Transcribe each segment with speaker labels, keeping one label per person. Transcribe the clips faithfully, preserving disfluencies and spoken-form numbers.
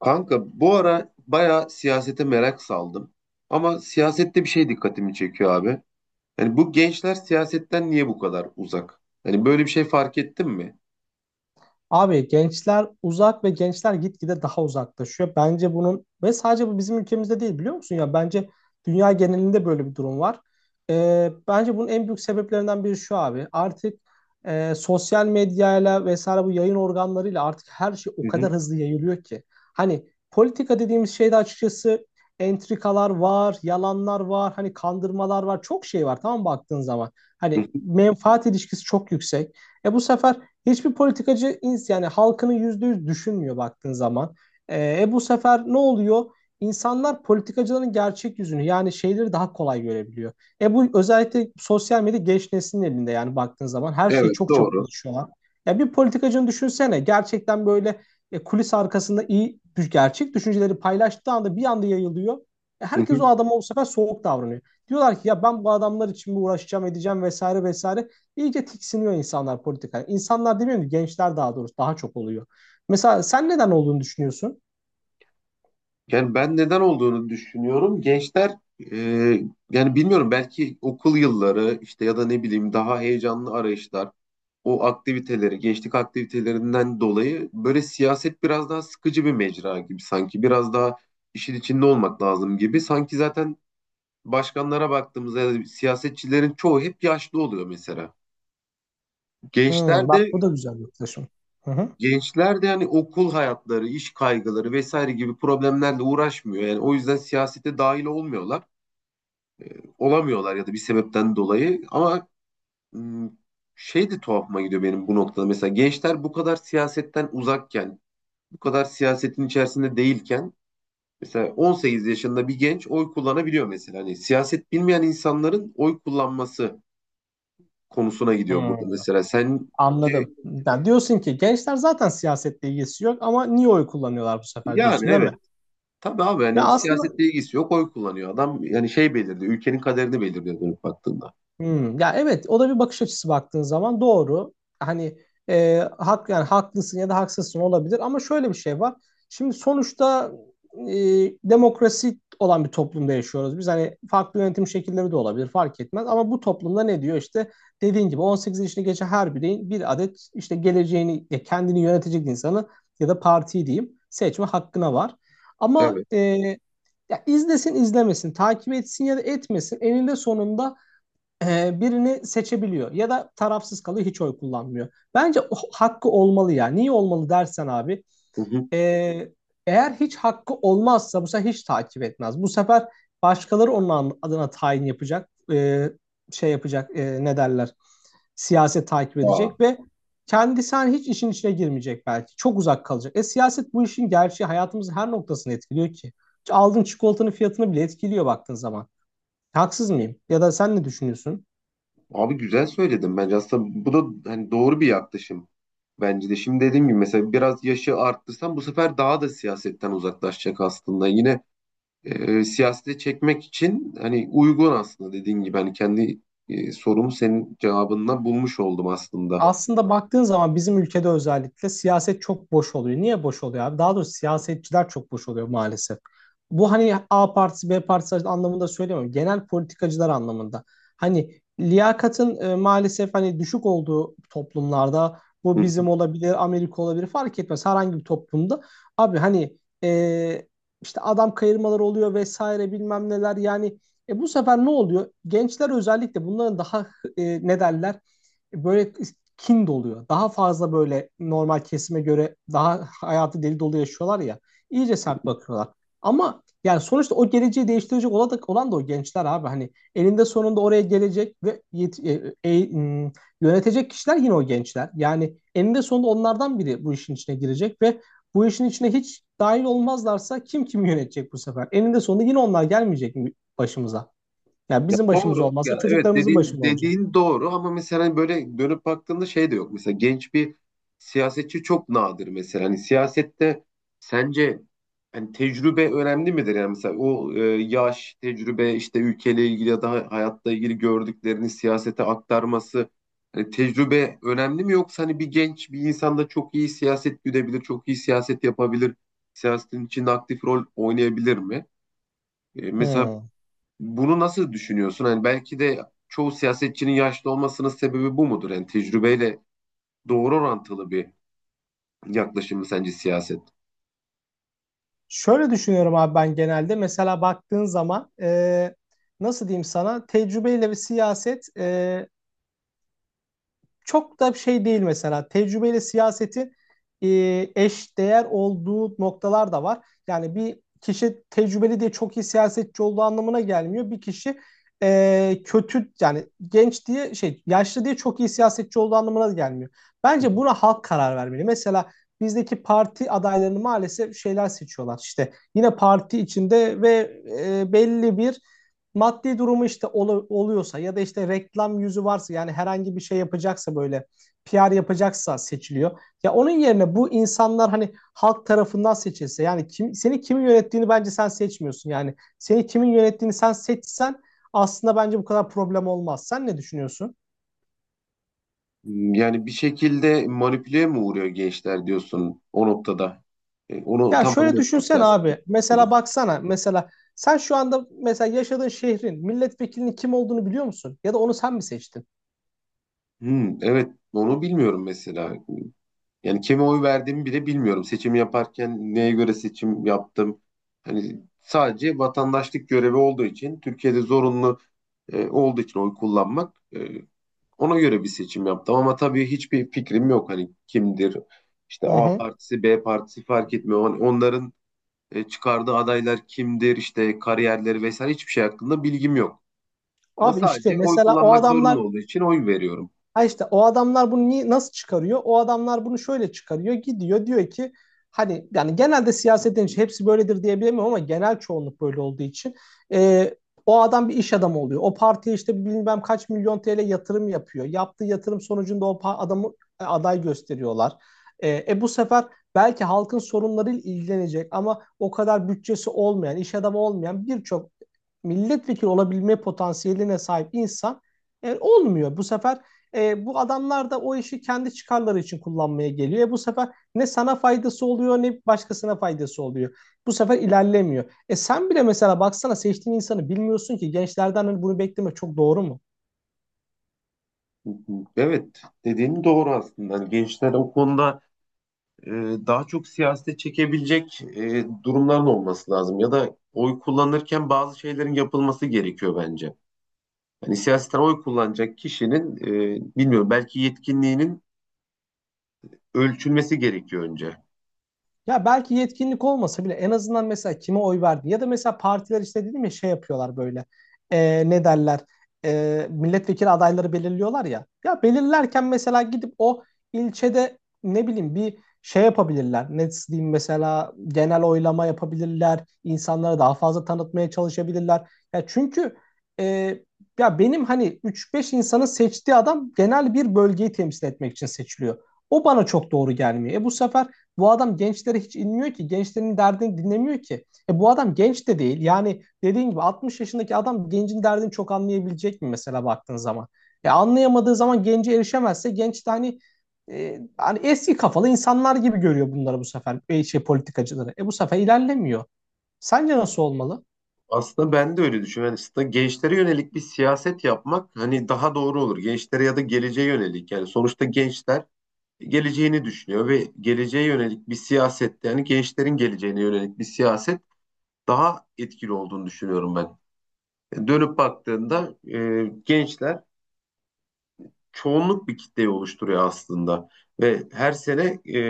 Speaker 1: Kanka bu ara bayağı siyasete merak saldım. Ama siyasette bir şey dikkatimi çekiyor abi. Yani bu gençler siyasetten niye bu kadar uzak? Hani böyle bir şey fark ettin mi?
Speaker 2: Abi gençler uzak ve gençler gitgide daha uzaklaşıyor. Bence bunun ve sadece bu bizim ülkemizde değil, biliyor musun ya, bence dünya genelinde böyle bir durum var. Ee, bence bunun en büyük sebeplerinden biri şu abi. Artık e, sosyal medyayla vesaire bu yayın organlarıyla artık her şey o
Speaker 1: Hı hı.
Speaker 2: kadar hızlı yayılıyor ki. Hani politika dediğimiz şeyde açıkçası entrikalar var, yalanlar var, hani kandırmalar var. Çok şey var, tamam mı, baktığın zaman.
Speaker 1: Hı
Speaker 2: Hani
Speaker 1: hı.
Speaker 2: menfaat ilişkisi çok yüksek. E bu sefer hiçbir politikacı ins- yani halkını yüzde yüz düşünmüyor baktığın zaman. Ee, E, bu sefer ne oluyor? İnsanlar politikacıların gerçek yüzünü, yani şeyleri, daha kolay görebiliyor. E bu özellikle sosyal medya genç neslin elinde, yani baktığın zaman her şeye
Speaker 1: Evet,
Speaker 2: çok çabuk
Speaker 1: doğru.
Speaker 2: ulaşıyorlar. Ya bir politikacını düşünsene, gerçekten böyle e, kulis arkasında iyi düş- gerçek düşünceleri paylaştığı anda bir anda yayılıyor. E,
Speaker 1: Hı
Speaker 2: herkes o
Speaker 1: hı.
Speaker 2: adama bu sefer soğuk davranıyor. Diyorlar ki ya ben bu adamlar için mi uğraşacağım edeceğim vesaire vesaire. İyice tiksiniyor insanlar politikaya. İnsanlar demiyorum ki, gençler daha doğrusu, daha çok oluyor. Mesela sen neden olduğunu düşünüyorsun?
Speaker 1: Yani ben neden olduğunu düşünüyorum. Gençler e, yani bilmiyorum, belki okul yılları işte ya da ne bileyim daha heyecanlı arayışlar, o aktiviteleri, gençlik aktivitelerinden dolayı böyle siyaset biraz daha sıkıcı bir mecra gibi, sanki biraz daha işin içinde olmak lazım gibi. Sanki zaten başkanlara baktığımızda ya da siyasetçilerin çoğu hep yaşlı oluyor mesela. Gençler
Speaker 2: Hmm,
Speaker 1: de
Speaker 2: bak bu da güzel bir yaklaşım. Hı hı.
Speaker 1: gençler de yani okul hayatları, iş kaygıları vesaire gibi problemlerle uğraşmıyor. Yani o yüzden siyasete dahil olmuyorlar. olamıyorlar ya da bir sebepten dolayı ama m, şey de tuhafıma gidiyor benim bu noktada. Mesela gençler bu kadar siyasetten uzakken, bu kadar siyasetin içerisinde değilken, mesela on sekiz yaşında bir genç oy kullanabiliyor mesela. Hani siyaset bilmeyen insanların oy kullanması konusuna gidiyor burada
Speaker 2: Hmm,
Speaker 1: mesela. Sen şey,
Speaker 2: anladım. Yani diyorsun ki gençler zaten siyasetle ilgisi yok ama niye oy kullanıyorlar bu sefer
Speaker 1: yani
Speaker 2: diyorsun, değil mi?
Speaker 1: evet. Tabii abi,
Speaker 2: Ve
Speaker 1: hani
Speaker 2: aslında
Speaker 1: siyasetle ilgisi yok, oy kullanıyor adam. Yani şey belirliyor. Ülkenin kaderini belirliyor dönüp baktığında.
Speaker 2: Hmm, ya, evet, o da bir bakış açısı baktığın zaman doğru. Hani e, hak yani haklısın ya da haksızsın olabilir, ama şöyle bir şey var. Şimdi sonuçta e, demokrasi olan bir toplumda yaşıyoruz. Biz hani farklı yönetim şekilleri de olabilir, fark etmez, ama bu toplumda ne diyor işte, dediğin gibi on sekiz yaşını geçen her bireyin bir adet işte geleceğini, e, kendini yönetecek insanı ya da partiyi diyeyim seçme hakkına var. Ama
Speaker 1: Evet.
Speaker 2: e, ya izlesin izlemesin, takip etsin ya da etmesin, eninde sonunda e, birini seçebiliyor ya da tarafsız kalıyor, hiç oy kullanmıyor. Bence hakkı olmalı ya. Niye olmalı dersen abi,
Speaker 1: Hı hı.
Speaker 2: e, eğer hiç hakkı olmazsa bu sefer hiç takip etmez. Bu sefer başkaları onun adına tayin yapacak, e, şey yapacak, e, ne derler, siyaset takip
Speaker 1: Aa.
Speaker 2: edecek ve kendisi hani hiç işin içine girmeyecek belki. Çok uzak kalacak. E siyaset bu işin gerçeği, hayatımızın her noktasını etkiliyor ki. Aldığın çikolatanın fiyatını bile etkiliyor baktığın zaman. Haksız mıyım? Ya da sen ne düşünüyorsun?
Speaker 1: Abi güzel söyledin bence. Aslında bu da hani doğru bir yaklaşım. Bence de şimdi dediğim gibi mesela biraz yaşı arttırsan bu sefer daha da siyasetten uzaklaşacak aslında. Yine e, siyasete çekmek için hani uygun, aslında dediğin gibi hani kendi e, sorumu senin cevabından bulmuş oldum aslında.
Speaker 2: Aslında baktığın zaman bizim ülkede özellikle siyaset çok boş oluyor. Niye boş oluyor abi? Daha doğrusu, siyasetçiler çok boş oluyor maalesef. Bu hani A partisi, B partisi anlamında söylemiyorum. Genel politikacılar anlamında. Hani liyakatın e, maalesef hani düşük olduğu toplumlarda, bu bizim olabilir, Amerika olabilir, fark etmez herhangi bir toplumda. Abi hani e, işte adam kayırmaları oluyor vesaire bilmem neler, yani e, bu sefer ne oluyor? Gençler özellikle bunların daha e, ne derler? Böyle kin doluyor. Daha fazla böyle normal kesime göre daha hayatı deli dolu yaşıyorlar ya. İyice sert bakıyorlar. Ama yani sonuçta o geleceği değiştirecek olan da, olan da o gençler abi. Hani elinde sonunda oraya gelecek ve yet- e- e- m- yönetecek kişiler yine o gençler. Yani eninde sonunda onlardan biri bu işin içine girecek ve bu işin içine hiç dahil olmazlarsa kim kimi yönetecek bu sefer? Eninde sonunda yine onlar gelmeyecek mi başımıza? Yani
Speaker 1: Ya
Speaker 2: bizim başımız
Speaker 1: doğru.
Speaker 2: olmazsa
Speaker 1: Ya evet,
Speaker 2: çocuklarımızın
Speaker 1: dediğin
Speaker 2: başında olacak.
Speaker 1: dediğin doğru ama mesela hani böyle dönüp baktığında şey de yok. Mesela genç bir siyasetçi çok nadir mesela. Hani siyasette sence hani tecrübe önemli midir? Yani mesela o e, yaş, tecrübe, işte ülkeyle ilgili ya da hayatla ilgili gördüklerini siyasete aktarması, hani tecrübe önemli mi, yoksa hani bir genç bir insan da çok iyi siyaset güdebilir, çok iyi siyaset yapabilir, siyasetin içinde aktif rol oynayabilir mi? E, mesela
Speaker 2: Hmm.
Speaker 1: bunu nasıl düşünüyorsun? Hani belki de çoğu siyasetçinin yaşlı olmasının sebebi bu mudur? Yani tecrübeyle doğru orantılı bir yaklaşım mı sence siyaset?
Speaker 2: Şöyle düşünüyorum abi ben genelde. Mesela baktığın zaman e, nasıl diyeyim sana, tecrübeyle ve siyaset e, çok da şey değil mesela. Tecrübeyle siyasetin e, eş değer olduğu noktalar da var. Yani bir kişi tecrübeli diye çok iyi siyasetçi olduğu anlamına gelmiyor. Bir kişi e, kötü yani genç diye, şey yaşlı diye çok iyi siyasetçi olduğu anlamına da gelmiyor.
Speaker 1: Hı hı.
Speaker 2: Bence buna halk karar vermeli. Mesela bizdeki parti adaylarını maalesef şeyler seçiyorlar. İşte yine parti içinde ve e, belli bir maddi durumu işte ol- oluyorsa, ya da işte reklam yüzü varsa, yani herhangi bir şey yapacaksa, böyle P R yapacaksa seçiliyor. Ya onun yerine bu insanlar hani halk tarafından seçilse, yani kim seni kimin yönettiğini bence sen seçmiyorsun. Yani seni kimin yönettiğini sen seçsen aslında bence bu kadar problem olmaz. Sen ne düşünüyorsun?
Speaker 1: Yani bir şekilde manipüle mi uğruyor gençler diyorsun o noktada? E, onu
Speaker 2: Ya
Speaker 1: tam
Speaker 2: şöyle
Speaker 1: anladım
Speaker 2: düşünsen
Speaker 1: siyaset
Speaker 2: abi. Mesela
Speaker 1: konusunda.
Speaker 2: baksana. Mesela sen şu anda mesela yaşadığın şehrin milletvekilinin kim olduğunu biliyor musun? Ya da onu sen mi seçtin?
Speaker 1: Hmm, evet, onu bilmiyorum mesela. Yani kime oy verdiğimi bile bilmiyorum. Seçim yaparken neye göre seçim yaptım? Hani sadece vatandaşlık görevi olduğu için, Türkiye'de zorunlu e, olduğu için oy kullanmak, e, ona göre bir seçim yaptım. Ama tabii hiçbir fikrim yok. Hani kimdir? İşte
Speaker 2: Hı
Speaker 1: A
Speaker 2: hı.
Speaker 1: partisi, B partisi fark etmiyor. Hani onların e, çıkardığı adaylar kimdir? İşte kariyerleri vesaire hiçbir şey hakkında bilgim yok. Ama
Speaker 2: Abi işte
Speaker 1: sadece oy
Speaker 2: mesela o
Speaker 1: kullanmak zorunlu
Speaker 2: adamlar.
Speaker 1: olduğu için oy veriyorum.
Speaker 2: Ha, işte o adamlar bunu ni- nasıl çıkarıyor? O adamlar bunu şöyle çıkarıyor. Gidiyor diyor ki, hani yani genelde siyaset deyince hepsi böyledir diyebilemiyorum, ama genel çoğunluk böyle olduğu için e, o adam bir iş adamı oluyor. O partiye işte bilmem kaç milyon T L yatırım yapıyor. Yaptığı yatırım sonucunda o pa- adamı e, aday gösteriyorlar. E, e bu sefer belki halkın sorunlarıyla ilgilenecek, ama o kadar bütçesi olmayan, iş adamı olmayan birçok milletvekili olabilme potansiyeline sahip insan e, olmuyor. Bu sefer e, bu adamlar da o işi kendi çıkarları için kullanmaya geliyor. E, bu sefer ne sana faydası oluyor, ne başkasına faydası oluyor. Bu sefer ilerlemiyor. E sen bile mesela baksana, seçtiğin insanı bilmiyorsun ki, gençlerden hani bunu bekleme çok doğru mu?
Speaker 1: Evet, dediğin doğru aslında. Hani gençler o konuda e, daha çok siyasete çekebilecek e, durumların olması lazım ya da oy kullanırken bazı şeylerin yapılması gerekiyor bence. Hani siyasetten oy kullanacak kişinin e, bilmiyorum, belki yetkinliğinin ölçülmesi gerekiyor önce.
Speaker 2: Ya belki yetkinlik olmasa bile en azından mesela kime oy verdi, ya da mesela partiler işte dedim ya şey yapıyorlar böyle, Ee, ne derler Ee, milletvekili adayları belirliyorlar ya. Ya belirlerken mesela gidip o ilçede ne bileyim bir şey yapabilirler, ne diyeyim mesela genel oylama yapabilirler, insanlara daha fazla tanıtmaya çalışabilirler ya, çünkü e, ya benim hani üç beş insanın seçtiği adam genel bir bölgeyi temsil etmek için seçiliyor, o bana çok doğru gelmiyor. E bu sefer bu adam gençlere hiç inmiyor ki. Gençlerin derdini dinlemiyor ki. E bu adam genç de değil. Yani dediğin gibi altmış yaşındaki adam gencin derdini çok anlayabilecek mi mesela baktığın zaman? E anlayamadığı zaman, gence erişemezse, genç de hani e, hani eski kafalı insanlar gibi görüyor bunları bu sefer, e, şey politikacıları. E bu sefer ilerlemiyor. Sence nasıl olmalı?
Speaker 1: Aslında ben de öyle düşünüyorum. Yani aslında gençlere yönelik bir siyaset yapmak hani daha doğru olur. Gençlere ya da geleceğe yönelik. Yani sonuçta gençler geleceğini düşünüyor ve geleceğe yönelik bir siyaset, yani gençlerin geleceğine yönelik bir siyaset daha etkili olduğunu düşünüyorum ben. E, dönüp baktığında e, gençler çoğunluk bir kitleyi oluşturuyor aslında. Ve her sene e,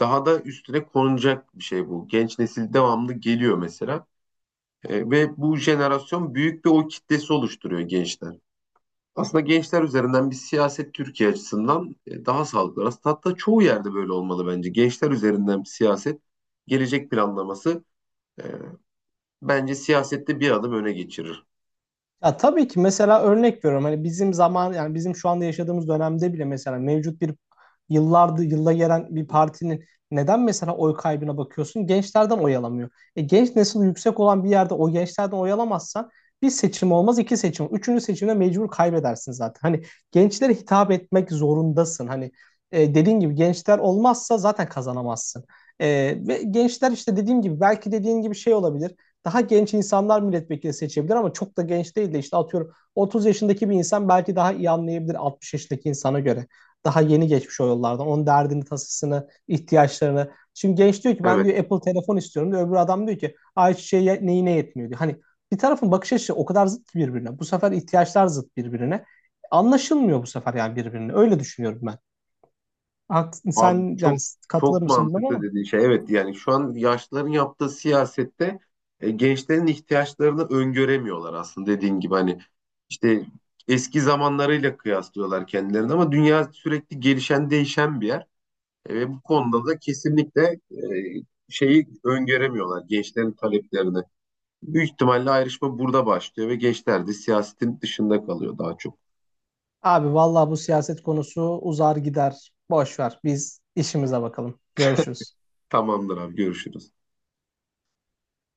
Speaker 1: daha da üstüne konulacak bir şey bu. Genç nesil devamlı geliyor mesela. E, ve bu jenerasyon büyük bir o kitlesi oluşturuyor, gençler. Aslında gençler üzerinden bir siyaset Türkiye açısından e, daha sağlıklı. Aslında hatta çoğu yerde böyle olmalı bence. Gençler üzerinden bir siyaset, gelecek planlaması e, bence siyasette bir adım öne geçirir.
Speaker 2: Ya tabii ki mesela örnek veriyorum, hani bizim zaman, yani bizim şu anda yaşadığımız dönemde bile, mesela mevcut bir yıllardır yılla gelen bir partinin neden mesela oy kaybına bakıyorsun? Gençlerden oy alamıyor. E, genç nesil yüksek olan bir yerde o gençlerden oy alamazsan bir seçim olmaz, iki seçim. Üçüncü seçimde mecbur kaybedersin zaten. Hani gençlere hitap etmek zorundasın. Hani e, dediğin gibi gençler olmazsa zaten kazanamazsın. E, ve gençler işte dediğim gibi, belki dediğin gibi şey olabilir, daha genç insanlar milletvekili seçebilir, ama çok da genç değil de işte atıyorum otuz yaşındaki bir insan belki daha iyi anlayabilir altmış yaşındaki insana göre. Daha yeni geçmiş o yollardan. Onun derdini, tasasını, ihtiyaçlarını. Şimdi genç diyor ki, ben
Speaker 1: Evet.
Speaker 2: diyor Apple telefon istiyorum diyor. Öbür adam diyor ki, ayçiçeği neyine yetmiyor diyor. Hani bir tarafın bakış açısı o kadar zıt ki birbirine. Bu sefer ihtiyaçlar zıt birbirine. Anlaşılmıyor bu sefer, yani birbirine. Öyle düşünüyorum ben. Hak-
Speaker 1: Abi
Speaker 2: Sen yani
Speaker 1: çok
Speaker 2: katılır
Speaker 1: çok
Speaker 2: mısın bilmiyorum
Speaker 1: mantıklı
Speaker 2: ama.
Speaker 1: dediğin şey. Evet, yani şu an yaşlıların yaptığı siyasette e, gençlerin ihtiyaçlarını öngöremiyorlar aslında, dediğin gibi hani işte eski zamanlarıyla kıyaslıyorlar kendilerini, ama dünya sürekli gelişen değişen bir yer. E, ve bu konuda da kesinlikle e, şeyi öngöremiyorlar, gençlerin taleplerini. Büyük ihtimalle ayrışma burada başlıyor ve gençler de siyasetin dışında kalıyor daha çok.
Speaker 2: Abi vallahi bu siyaset konusu uzar gider. Boş ver. Biz işimize bakalım. Görüşürüz.
Speaker 1: Tamamdır abi, görüşürüz.